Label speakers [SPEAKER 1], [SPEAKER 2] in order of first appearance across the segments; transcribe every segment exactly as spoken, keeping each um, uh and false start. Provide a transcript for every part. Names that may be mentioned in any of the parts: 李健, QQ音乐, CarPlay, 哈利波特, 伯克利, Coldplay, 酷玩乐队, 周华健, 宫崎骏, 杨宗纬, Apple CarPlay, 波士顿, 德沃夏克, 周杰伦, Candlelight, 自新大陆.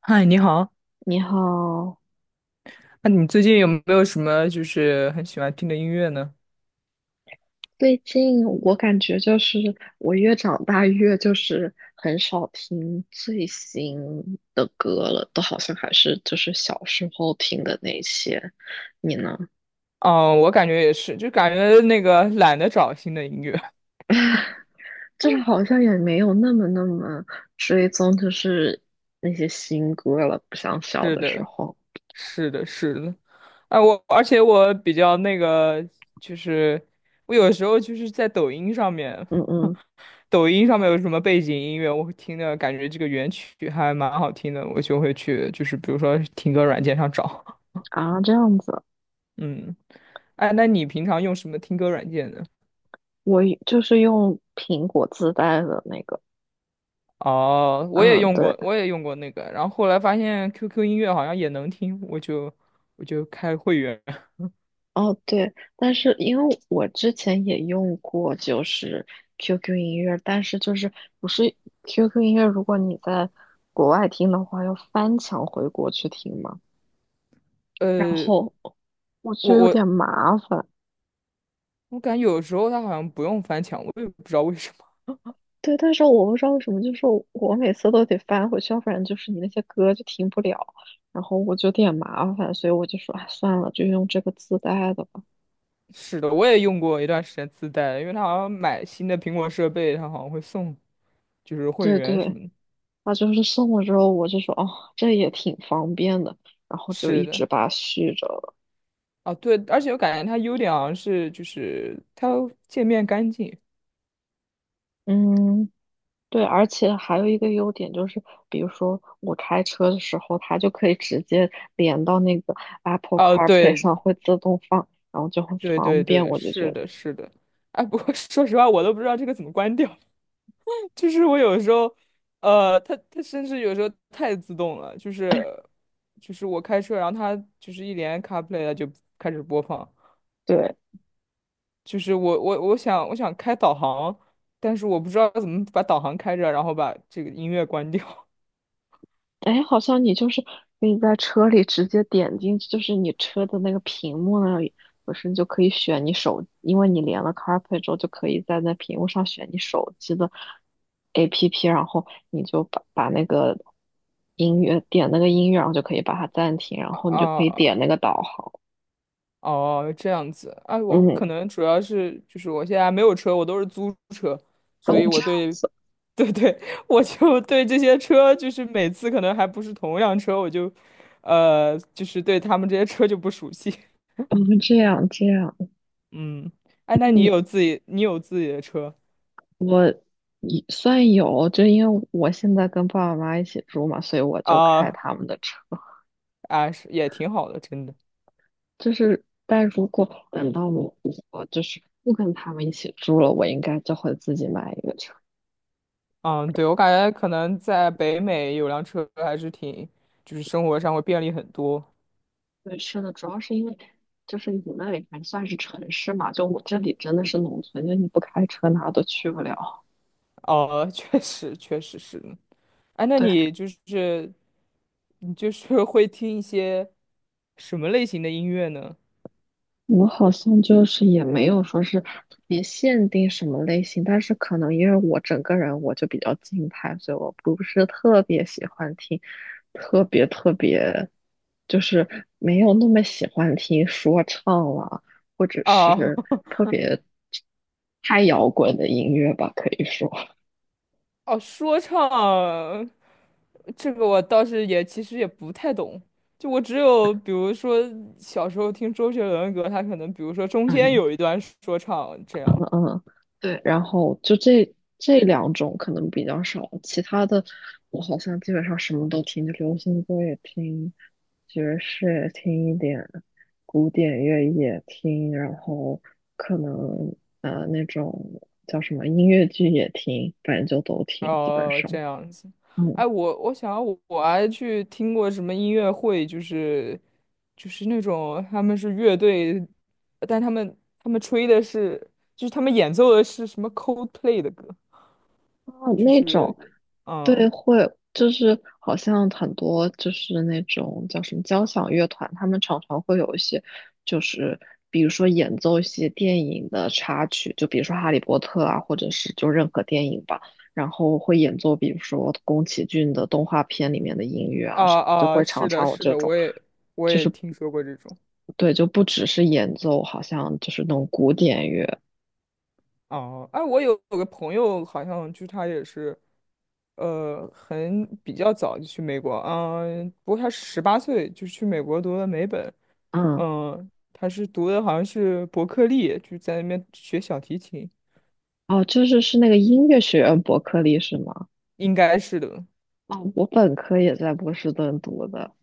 [SPEAKER 1] 嗨，你好。
[SPEAKER 2] 你好。
[SPEAKER 1] 那你最近有没有什么就是很喜欢听的音乐呢？
[SPEAKER 2] 最近我感觉就是我越长大越就是很少听最新的歌了，都好像还是就是小时候听的那些。你呢？
[SPEAKER 1] 哦，我感觉也是，就感觉那个懒得找新的音乐。
[SPEAKER 2] 就是好像也没有那么那么追踪，就是那些新歌了，不像小
[SPEAKER 1] 是
[SPEAKER 2] 的时
[SPEAKER 1] 的，
[SPEAKER 2] 候。
[SPEAKER 1] 是的，是的。啊，我而且我比较那个，就是我有时候就是在抖音上面，
[SPEAKER 2] 嗯嗯。
[SPEAKER 1] 抖音上面有什么背景音乐，我会听的感觉这个原曲还蛮好听的，我就会去就是比如说听歌软件上找。
[SPEAKER 2] 啊，这样子。
[SPEAKER 1] 嗯，哎，那你平常用什么听歌软件呢？
[SPEAKER 2] 我就是用苹果自带的那个。
[SPEAKER 1] 哦，我也
[SPEAKER 2] 嗯，
[SPEAKER 1] 用
[SPEAKER 2] 对。
[SPEAKER 1] 过，我也用过那个，然后后来发现 Q Q 音乐好像也能听，我就我就开会员。
[SPEAKER 2] 哦，对，但是因为我之前也用过，就是 Q Q 音乐，但是就是不是 Q Q 音乐，如果你在国外听的话，要翻墙回国去听嘛，然
[SPEAKER 1] 呃，
[SPEAKER 2] 后我觉
[SPEAKER 1] 我
[SPEAKER 2] 得有
[SPEAKER 1] 我
[SPEAKER 2] 点麻烦。
[SPEAKER 1] 我感觉有时候它好像不用翻墙，我也不知道为什么。
[SPEAKER 2] 对，但是我不知道为什么，就是我我每次都得翻回去，要不然就是你那些歌就听不了，然后我就有点麻烦，所以我就说，哎，算了，就用这个自带的吧。
[SPEAKER 1] 是的，我也用过一段时间自带的，因为它好像买新的苹果设备，它好像会送就是会
[SPEAKER 2] 对
[SPEAKER 1] 员什
[SPEAKER 2] 对，
[SPEAKER 1] 么的。
[SPEAKER 2] 他就是送了之后，我就说哦，这也挺方便的，然后就
[SPEAKER 1] 是
[SPEAKER 2] 一
[SPEAKER 1] 的，
[SPEAKER 2] 直把它续着了。
[SPEAKER 1] 哦对，而且我感觉它优点好像是就是它界面干净。
[SPEAKER 2] 嗯，对，而且还有一个优点就是，比如说我开车的时候，它就可以直接连到那个 Apple
[SPEAKER 1] 哦，
[SPEAKER 2] CarPlay
[SPEAKER 1] 对
[SPEAKER 2] 上，会自动放，然后就很
[SPEAKER 1] 对对
[SPEAKER 2] 方便，
[SPEAKER 1] 对，
[SPEAKER 2] 我就觉
[SPEAKER 1] 是
[SPEAKER 2] 得
[SPEAKER 1] 的，是的。哎，不过 说实话，我都不知道这个怎么关掉。就是我有时候，呃，它它甚至有时候太自动了，就是就是我开车，然后它就是一连 CarPlay 了就开始播放，
[SPEAKER 2] 对。
[SPEAKER 1] 就是我我我想我想开导航，但是我不知道怎么把导航开着，然后把这个音乐关掉
[SPEAKER 2] 哎，好像你就是可以在车里直接点进去，就是你车的那个屏幕那里，不是你就可以选你手，因为你连了 CarPlay 之后，就可以在那屏幕上选你手机的 A P P，然后你就把把那个音乐，点那个音乐，然后就可以把它暂停，然 后你就可以点
[SPEAKER 1] 啊。
[SPEAKER 2] 那个导航。
[SPEAKER 1] 哦，这样子啊，我
[SPEAKER 2] 嗯。
[SPEAKER 1] 可能主要是就是我现在没有车，我都是租车，
[SPEAKER 2] 哦，
[SPEAKER 1] 所以
[SPEAKER 2] 这
[SPEAKER 1] 我
[SPEAKER 2] 样
[SPEAKER 1] 对，
[SPEAKER 2] 子。
[SPEAKER 1] 对对，我就对这些车，就是每次可能还不是同一辆车，我就，呃，就是对他们这些车就不熟悉。
[SPEAKER 2] 哦，这样这样。
[SPEAKER 1] 嗯，哎，
[SPEAKER 2] 那
[SPEAKER 1] 那你
[SPEAKER 2] 你
[SPEAKER 1] 有自己，你有自己的车
[SPEAKER 2] 你算有，就因为我现在跟爸爸妈妈一起住嘛，所以我就开
[SPEAKER 1] 啊？
[SPEAKER 2] 他们的车。
[SPEAKER 1] 啊，是也挺好的，真的。
[SPEAKER 2] 就是，但如果等到我我就是不跟他们一起住了，我应该就会自己买一个车。
[SPEAKER 1] 嗯，对，我感觉可能在北美有辆车还是挺，就是生活上会便利很多。
[SPEAKER 2] 对，是的，主要是因为就是你那里还算是城市嘛，就我这里真的是农村，就你不开车哪都去不了。
[SPEAKER 1] 哦，确实，确实是。哎，那
[SPEAKER 2] 对。
[SPEAKER 1] 你就是你就是会听一些什么类型的音乐呢？
[SPEAKER 2] 我们好像就是也没有说是特别限定什么类型，但是可能因为我整个人我就比较静态，所以我不是特别喜欢听，特别特别就是没有那么喜欢听说唱了，或者
[SPEAKER 1] 啊，
[SPEAKER 2] 是 特别太摇滚的音乐吧，可以说。
[SPEAKER 1] 哦，说唱这个我倒是也其实也不太懂，就我只有比如说小时候听周杰伦的歌，他可能比如说中间
[SPEAKER 2] 嗯。
[SPEAKER 1] 有一段说唱这样。
[SPEAKER 2] 嗯，对，然后就这这两种可能比较少，其他的我好像基本上什么都听，就流行歌也听，爵士也听一点，古典乐也听，然后可能呃那种叫什么音乐剧也听，反正就都听，基本
[SPEAKER 1] 哦，这
[SPEAKER 2] 上。
[SPEAKER 1] 样子。
[SPEAKER 2] 嗯。
[SPEAKER 1] 哎，我我想我我还去听过什么音乐会，就是就是那种他们是乐队，但他们他们吹的是就是他们演奏的是什么 Coldplay 的歌，
[SPEAKER 2] 哦，
[SPEAKER 1] 就
[SPEAKER 2] 那
[SPEAKER 1] 是
[SPEAKER 2] 种。对，
[SPEAKER 1] 嗯
[SPEAKER 2] 会就是好像很多就是那种叫什么交响乐团，他们常常会有一些，就是比如说演奏一些电影的插曲，就比如说《哈利波特》啊，或者是就任何电影吧，然后会演奏比如说宫崎骏的动画片里面的音乐
[SPEAKER 1] 啊
[SPEAKER 2] 啊什么，就
[SPEAKER 1] 啊，
[SPEAKER 2] 会常
[SPEAKER 1] 是的，
[SPEAKER 2] 常有
[SPEAKER 1] 是
[SPEAKER 2] 这
[SPEAKER 1] 的，
[SPEAKER 2] 种，
[SPEAKER 1] 我也我
[SPEAKER 2] 就
[SPEAKER 1] 也
[SPEAKER 2] 是
[SPEAKER 1] 听说过这种。
[SPEAKER 2] 对，就不只是演奏，好像就是那种古典乐。
[SPEAKER 1] 哦，哎，我有有个朋友，好像就是他也是，呃，很比较早就去美国，嗯，不过他十八岁就去美国读了美本。
[SPEAKER 2] 嗯。
[SPEAKER 1] 嗯，他是读的好像是伯克利，就在那边学小提琴，
[SPEAKER 2] 哦，就是是那个音乐学院伯克利是吗？
[SPEAKER 1] 应该是的。
[SPEAKER 2] 哦，我本科也在波士顿读的。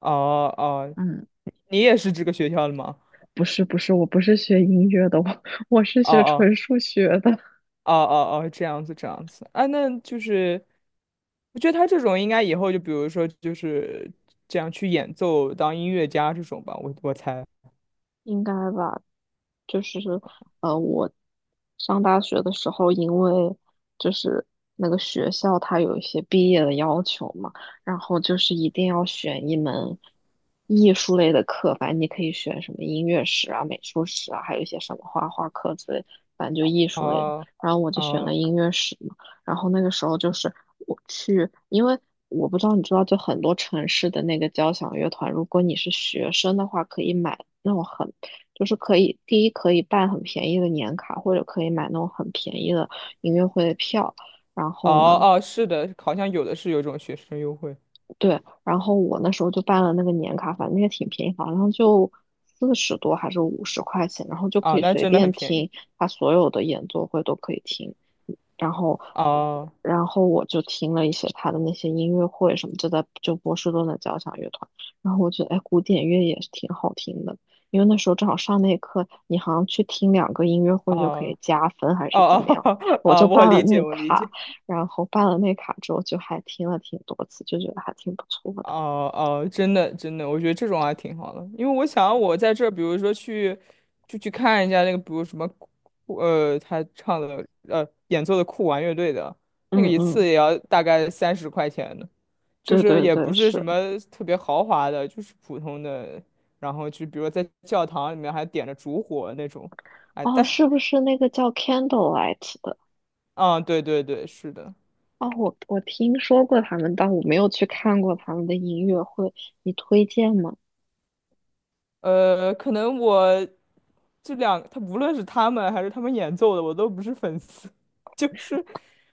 [SPEAKER 1] 哦哦，
[SPEAKER 2] 嗯。
[SPEAKER 1] 你也是这个学校的吗？
[SPEAKER 2] 不是不是，我不是学音乐的，我我是
[SPEAKER 1] 哦
[SPEAKER 2] 学
[SPEAKER 1] 哦
[SPEAKER 2] 纯数学的。
[SPEAKER 1] 哦哦哦，这样子这样子啊，那就是，我觉得他这种应该以后就比如说就是这样去演奏当音乐家这种吧，我我猜。
[SPEAKER 2] 应该吧。就是呃，我上大学的时候，因为就是那个学校它有一些毕业的要求嘛，然后就是一定要选一门艺术类的课，反正你可以选什么音乐史啊、美术史啊，还有一些什么画画课之类，反正就艺术类的。
[SPEAKER 1] 哦
[SPEAKER 2] 然后我就选了
[SPEAKER 1] 哦
[SPEAKER 2] 音乐史嘛，然后那个时候就是我去。因为我不知道你知道，就很多城市的那个交响乐团，如果你是学生的话，可以买那种很，就是可以。第一可以办很便宜的年卡，或者可以买那种很便宜的音乐会的票。然
[SPEAKER 1] 哦
[SPEAKER 2] 后呢，
[SPEAKER 1] 哦，是的，好像有的是有这种学生优惠
[SPEAKER 2] 对，然后我那时候就办了那个年卡，反正也挺便宜，好像就四十多还是五十块钱，然后就
[SPEAKER 1] 啊，
[SPEAKER 2] 可以
[SPEAKER 1] 那
[SPEAKER 2] 随
[SPEAKER 1] 真的很
[SPEAKER 2] 便
[SPEAKER 1] 便宜。
[SPEAKER 2] 听，他所有的演奏会都可以听。然后，
[SPEAKER 1] 啊
[SPEAKER 2] 然后我就听了一些他的那些音乐会什么，就在就波士顿的交响乐团。然后我觉得，哎，古典乐也是挺好听的，因为那时候正好上那课，你好像去听两个音乐会就可
[SPEAKER 1] 啊
[SPEAKER 2] 以加分，还
[SPEAKER 1] 啊啊
[SPEAKER 2] 是怎么样？我
[SPEAKER 1] 哦，
[SPEAKER 2] 就
[SPEAKER 1] 我
[SPEAKER 2] 办了
[SPEAKER 1] 理
[SPEAKER 2] 那
[SPEAKER 1] 解
[SPEAKER 2] 个
[SPEAKER 1] 我理
[SPEAKER 2] 卡，
[SPEAKER 1] 解。
[SPEAKER 2] 然后办了那卡之后，就还听了挺多次，就觉得还挺不错的。
[SPEAKER 1] 哦哦，真的真的，我觉得这种还挺好的，因为我想我在这儿，比如说去就去看一下那个，比如什么酷呃，他唱的呃演奏的酷玩乐队的那
[SPEAKER 2] 嗯
[SPEAKER 1] 个一
[SPEAKER 2] 嗯，
[SPEAKER 1] 次也要大概三十块钱的，就
[SPEAKER 2] 对
[SPEAKER 1] 是
[SPEAKER 2] 对
[SPEAKER 1] 也
[SPEAKER 2] 对，
[SPEAKER 1] 不是什
[SPEAKER 2] 是。
[SPEAKER 1] 么特别豪华的，就是普通的，然后就比如在教堂里面还点着烛火那种，哎，
[SPEAKER 2] 哦，
[SPEAKER 1] 但
[SPEAKER 2] 是不是那个叫 Candlelight 的？
[SPEAKER 1] 啊，对对对，是的。
[SPEAKER 2] 哦，我我听说过他们，但我没有去看过他们的音乐会，你推荐吗？
[SPEAKER 1] 呃，可能我这两，他无论是他们还是他们演奏的，我都不是粉丝。就是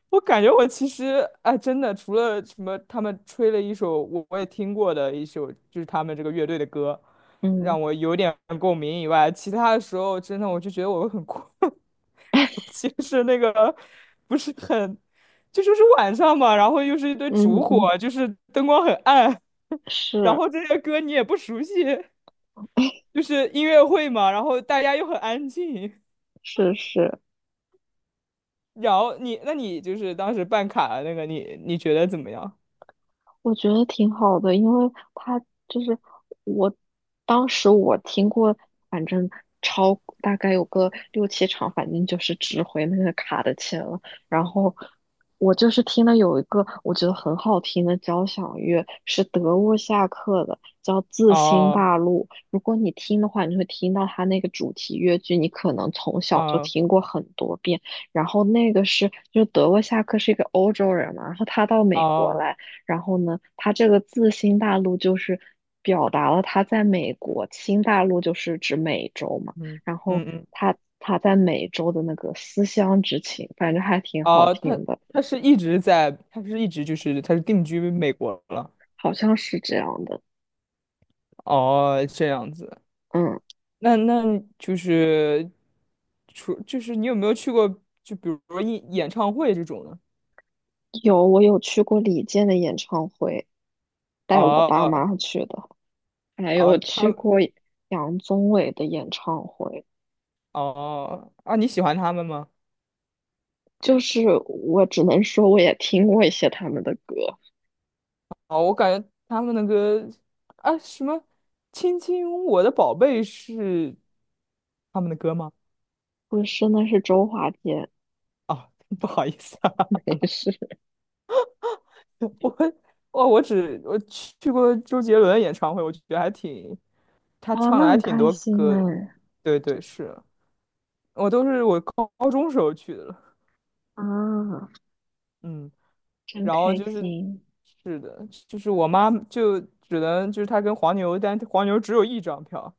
[SPEAKER 1] 我感觉我其实，哎，真的，除了什么他们吹了一首我我也听过的一首，就是他们这个乐队的歌，
[SPEAKER 2] 嗯
[SPEAKER 1] 让我有点共鸣以外，其他的时候真的我就觉得我很困，尤 其是那个不是很，就说是晚上嘛，然后又是一堆烛
[SPEAKER 2] 嗯
[SPEAKER 1] 火，
[SPEAKER 2] 嗯。
[SPEAKER 1] 就是灯光很暗，然
[SPEAKER 2] 是
[SPEAKER 1] 后这些歌你也不熟悉。就 是音乐会嘛，然后大家又很安静。
[SPEAKER 2] 是是。
[SPEAKER 1] 然后你，那你就是当时办卡的那个，你你觉得怎么样？
[SPEAKER 2] 我觉得挺好的，因为他就是我，当时我听过，反正超大概有个六七场，反正就是值回那个卡的钱了。然后我就是听了有一个我觉得很好听的交响乐，是德沃夏克的，叫《自新
[SPEAKER 1] 哦
[SPEAKER 2] 大陆》。如果你听的话，你会听到他那个主题乐句，你可能从小就
[SPEAKER 1] 哦
[SPEAKER 2] 听过很多遍。然后那个是，就德沃夏克是一个欧洲人嘛，然后他到美国
[SPEAKER 1] 哦，
[SPEAKER 2] 来。然后呢，他这个自新大陆就是表达了他在美国，新大陆就是指美洲嘛。
[SPEAKER 1] 嗯
[SPEAKER 2] 然后
[SPEAKER 1] 嗯嗯，
[SPEAKER 2] 他他在美洲的那个思乡之情，反正还挺好
[SPEAKER 1] 哦，他
[SPEAKER 2] 听的，
[SPEAKER 1] 他是一直在，他是一直就是他是定居美国了。
[SPEAKER 2] 好像是这样的。
[SPEAKER 1] 哦，这样子，
[SPEAKER 2] 嗯，
[SPEAKER 1] 那那就是除就是你有没有去过，就比如说演演唱会这种的？
[SPEAKER 2] 有，我有去过李健的演唱会，带我爸
[SPEAKER 1] 哦
[SPEAKER 2] 妈去的，还
[SPEAKER 1] 哦，
[SPEAKER 2] 有
[SPEAKER 1] 他
[SPEAKER 2] 去
[SPEAKER 1] 们
[SPEAKER 2] 过杨宗纬的演唱会。
[SPEAKER 1] 哦啊，你喜欢他们吗？
[SPEAKER 2] 就是我只能说，我也听过一些他们的歌。
[SPEAKER 1] 哦，我感觉他们的歌啊什么《亲亲我的宝贝》是他们的歌吗？
[SPEAKER 2] 不是，那是周华健。
[SPEAKER 1] 啊，不好意思啊，
[SPEAKER 2] 没事。
[SPEAKER 1] 我我我只我去去过周杰伦演唱会，我觉得还挺，他
[SPEAKER 2] 哦，
[SPEAKER 1] 唱
[SPEAKER 2] 那
[SPEAKER 1] 的还
[SPEAKER 2] 很
[SPEAKER 1] 挺
[SPEAKER 2] 开
[SPEAKER 1] 多
[SPEAKER 2] 心
[SPEAKER 1] 歌的。
[SPEAKER 2] 哎。
[SPEAKER 1] 对对，是我都是我高高中时候去的了，
[SPEAKER 2] 啊，
[SPEAKER 1] 嗯，
[SPEAKER 2] 真
[SPEAKER 1] 然后
[SPEAKER 2] 开
[SPEAKER 1] 就是
[SPEAKER 2] 心。
[SPEAKER 1] 是的，就是我妈就只能就是她跟黄牛，但黄牛只有一张票，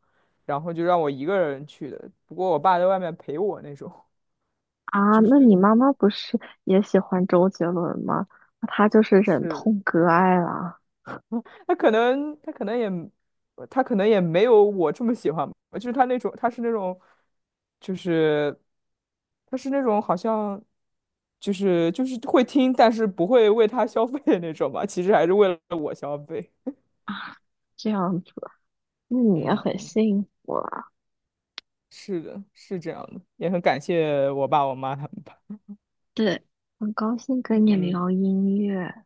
[SPEAKER 1] 然后就让我一个人去的，不过我爸在外面陪我那种。
[SPEAKER 2] 啊，
[SPEAKER 1] 就
[SPEAKER 2] 那
[SPEAKER 1] 是
[SPEAKER 2] 你妈妈不是也喜欢周杰伦吗？那她就是忍
[SPEAKER 1] 是
[SPEAKER 2] 痛割爱啦。
[SPEAKER 1] 他可能他可能也他可能也没有我这么喜欢吧就是他那种他是那种就是他是那种好像就是就是会听，但是不会为他消费的那种吧，其实还是为了我消费。
[SPEAKER 2] 这样子，那你也
[SPEAKER 1] 嗯
[SPEAKER 2] 很
[SPEAKER 1] 嗯，
[SPEAKER 2] 幸福啊。
[SPEAKER 1] 是的，是这样的，也很感谢我爸我妈他们吧。
[SPEAKER 2] 对，很高兴跟你
[SPEAKER 1] 嗯
[SPEAKER 2] 聊音乐。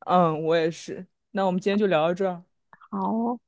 [SPEAKER 1] 嗯，我也是。那我们今天就聊到这儿。
[SPEAKER 2] 好哦。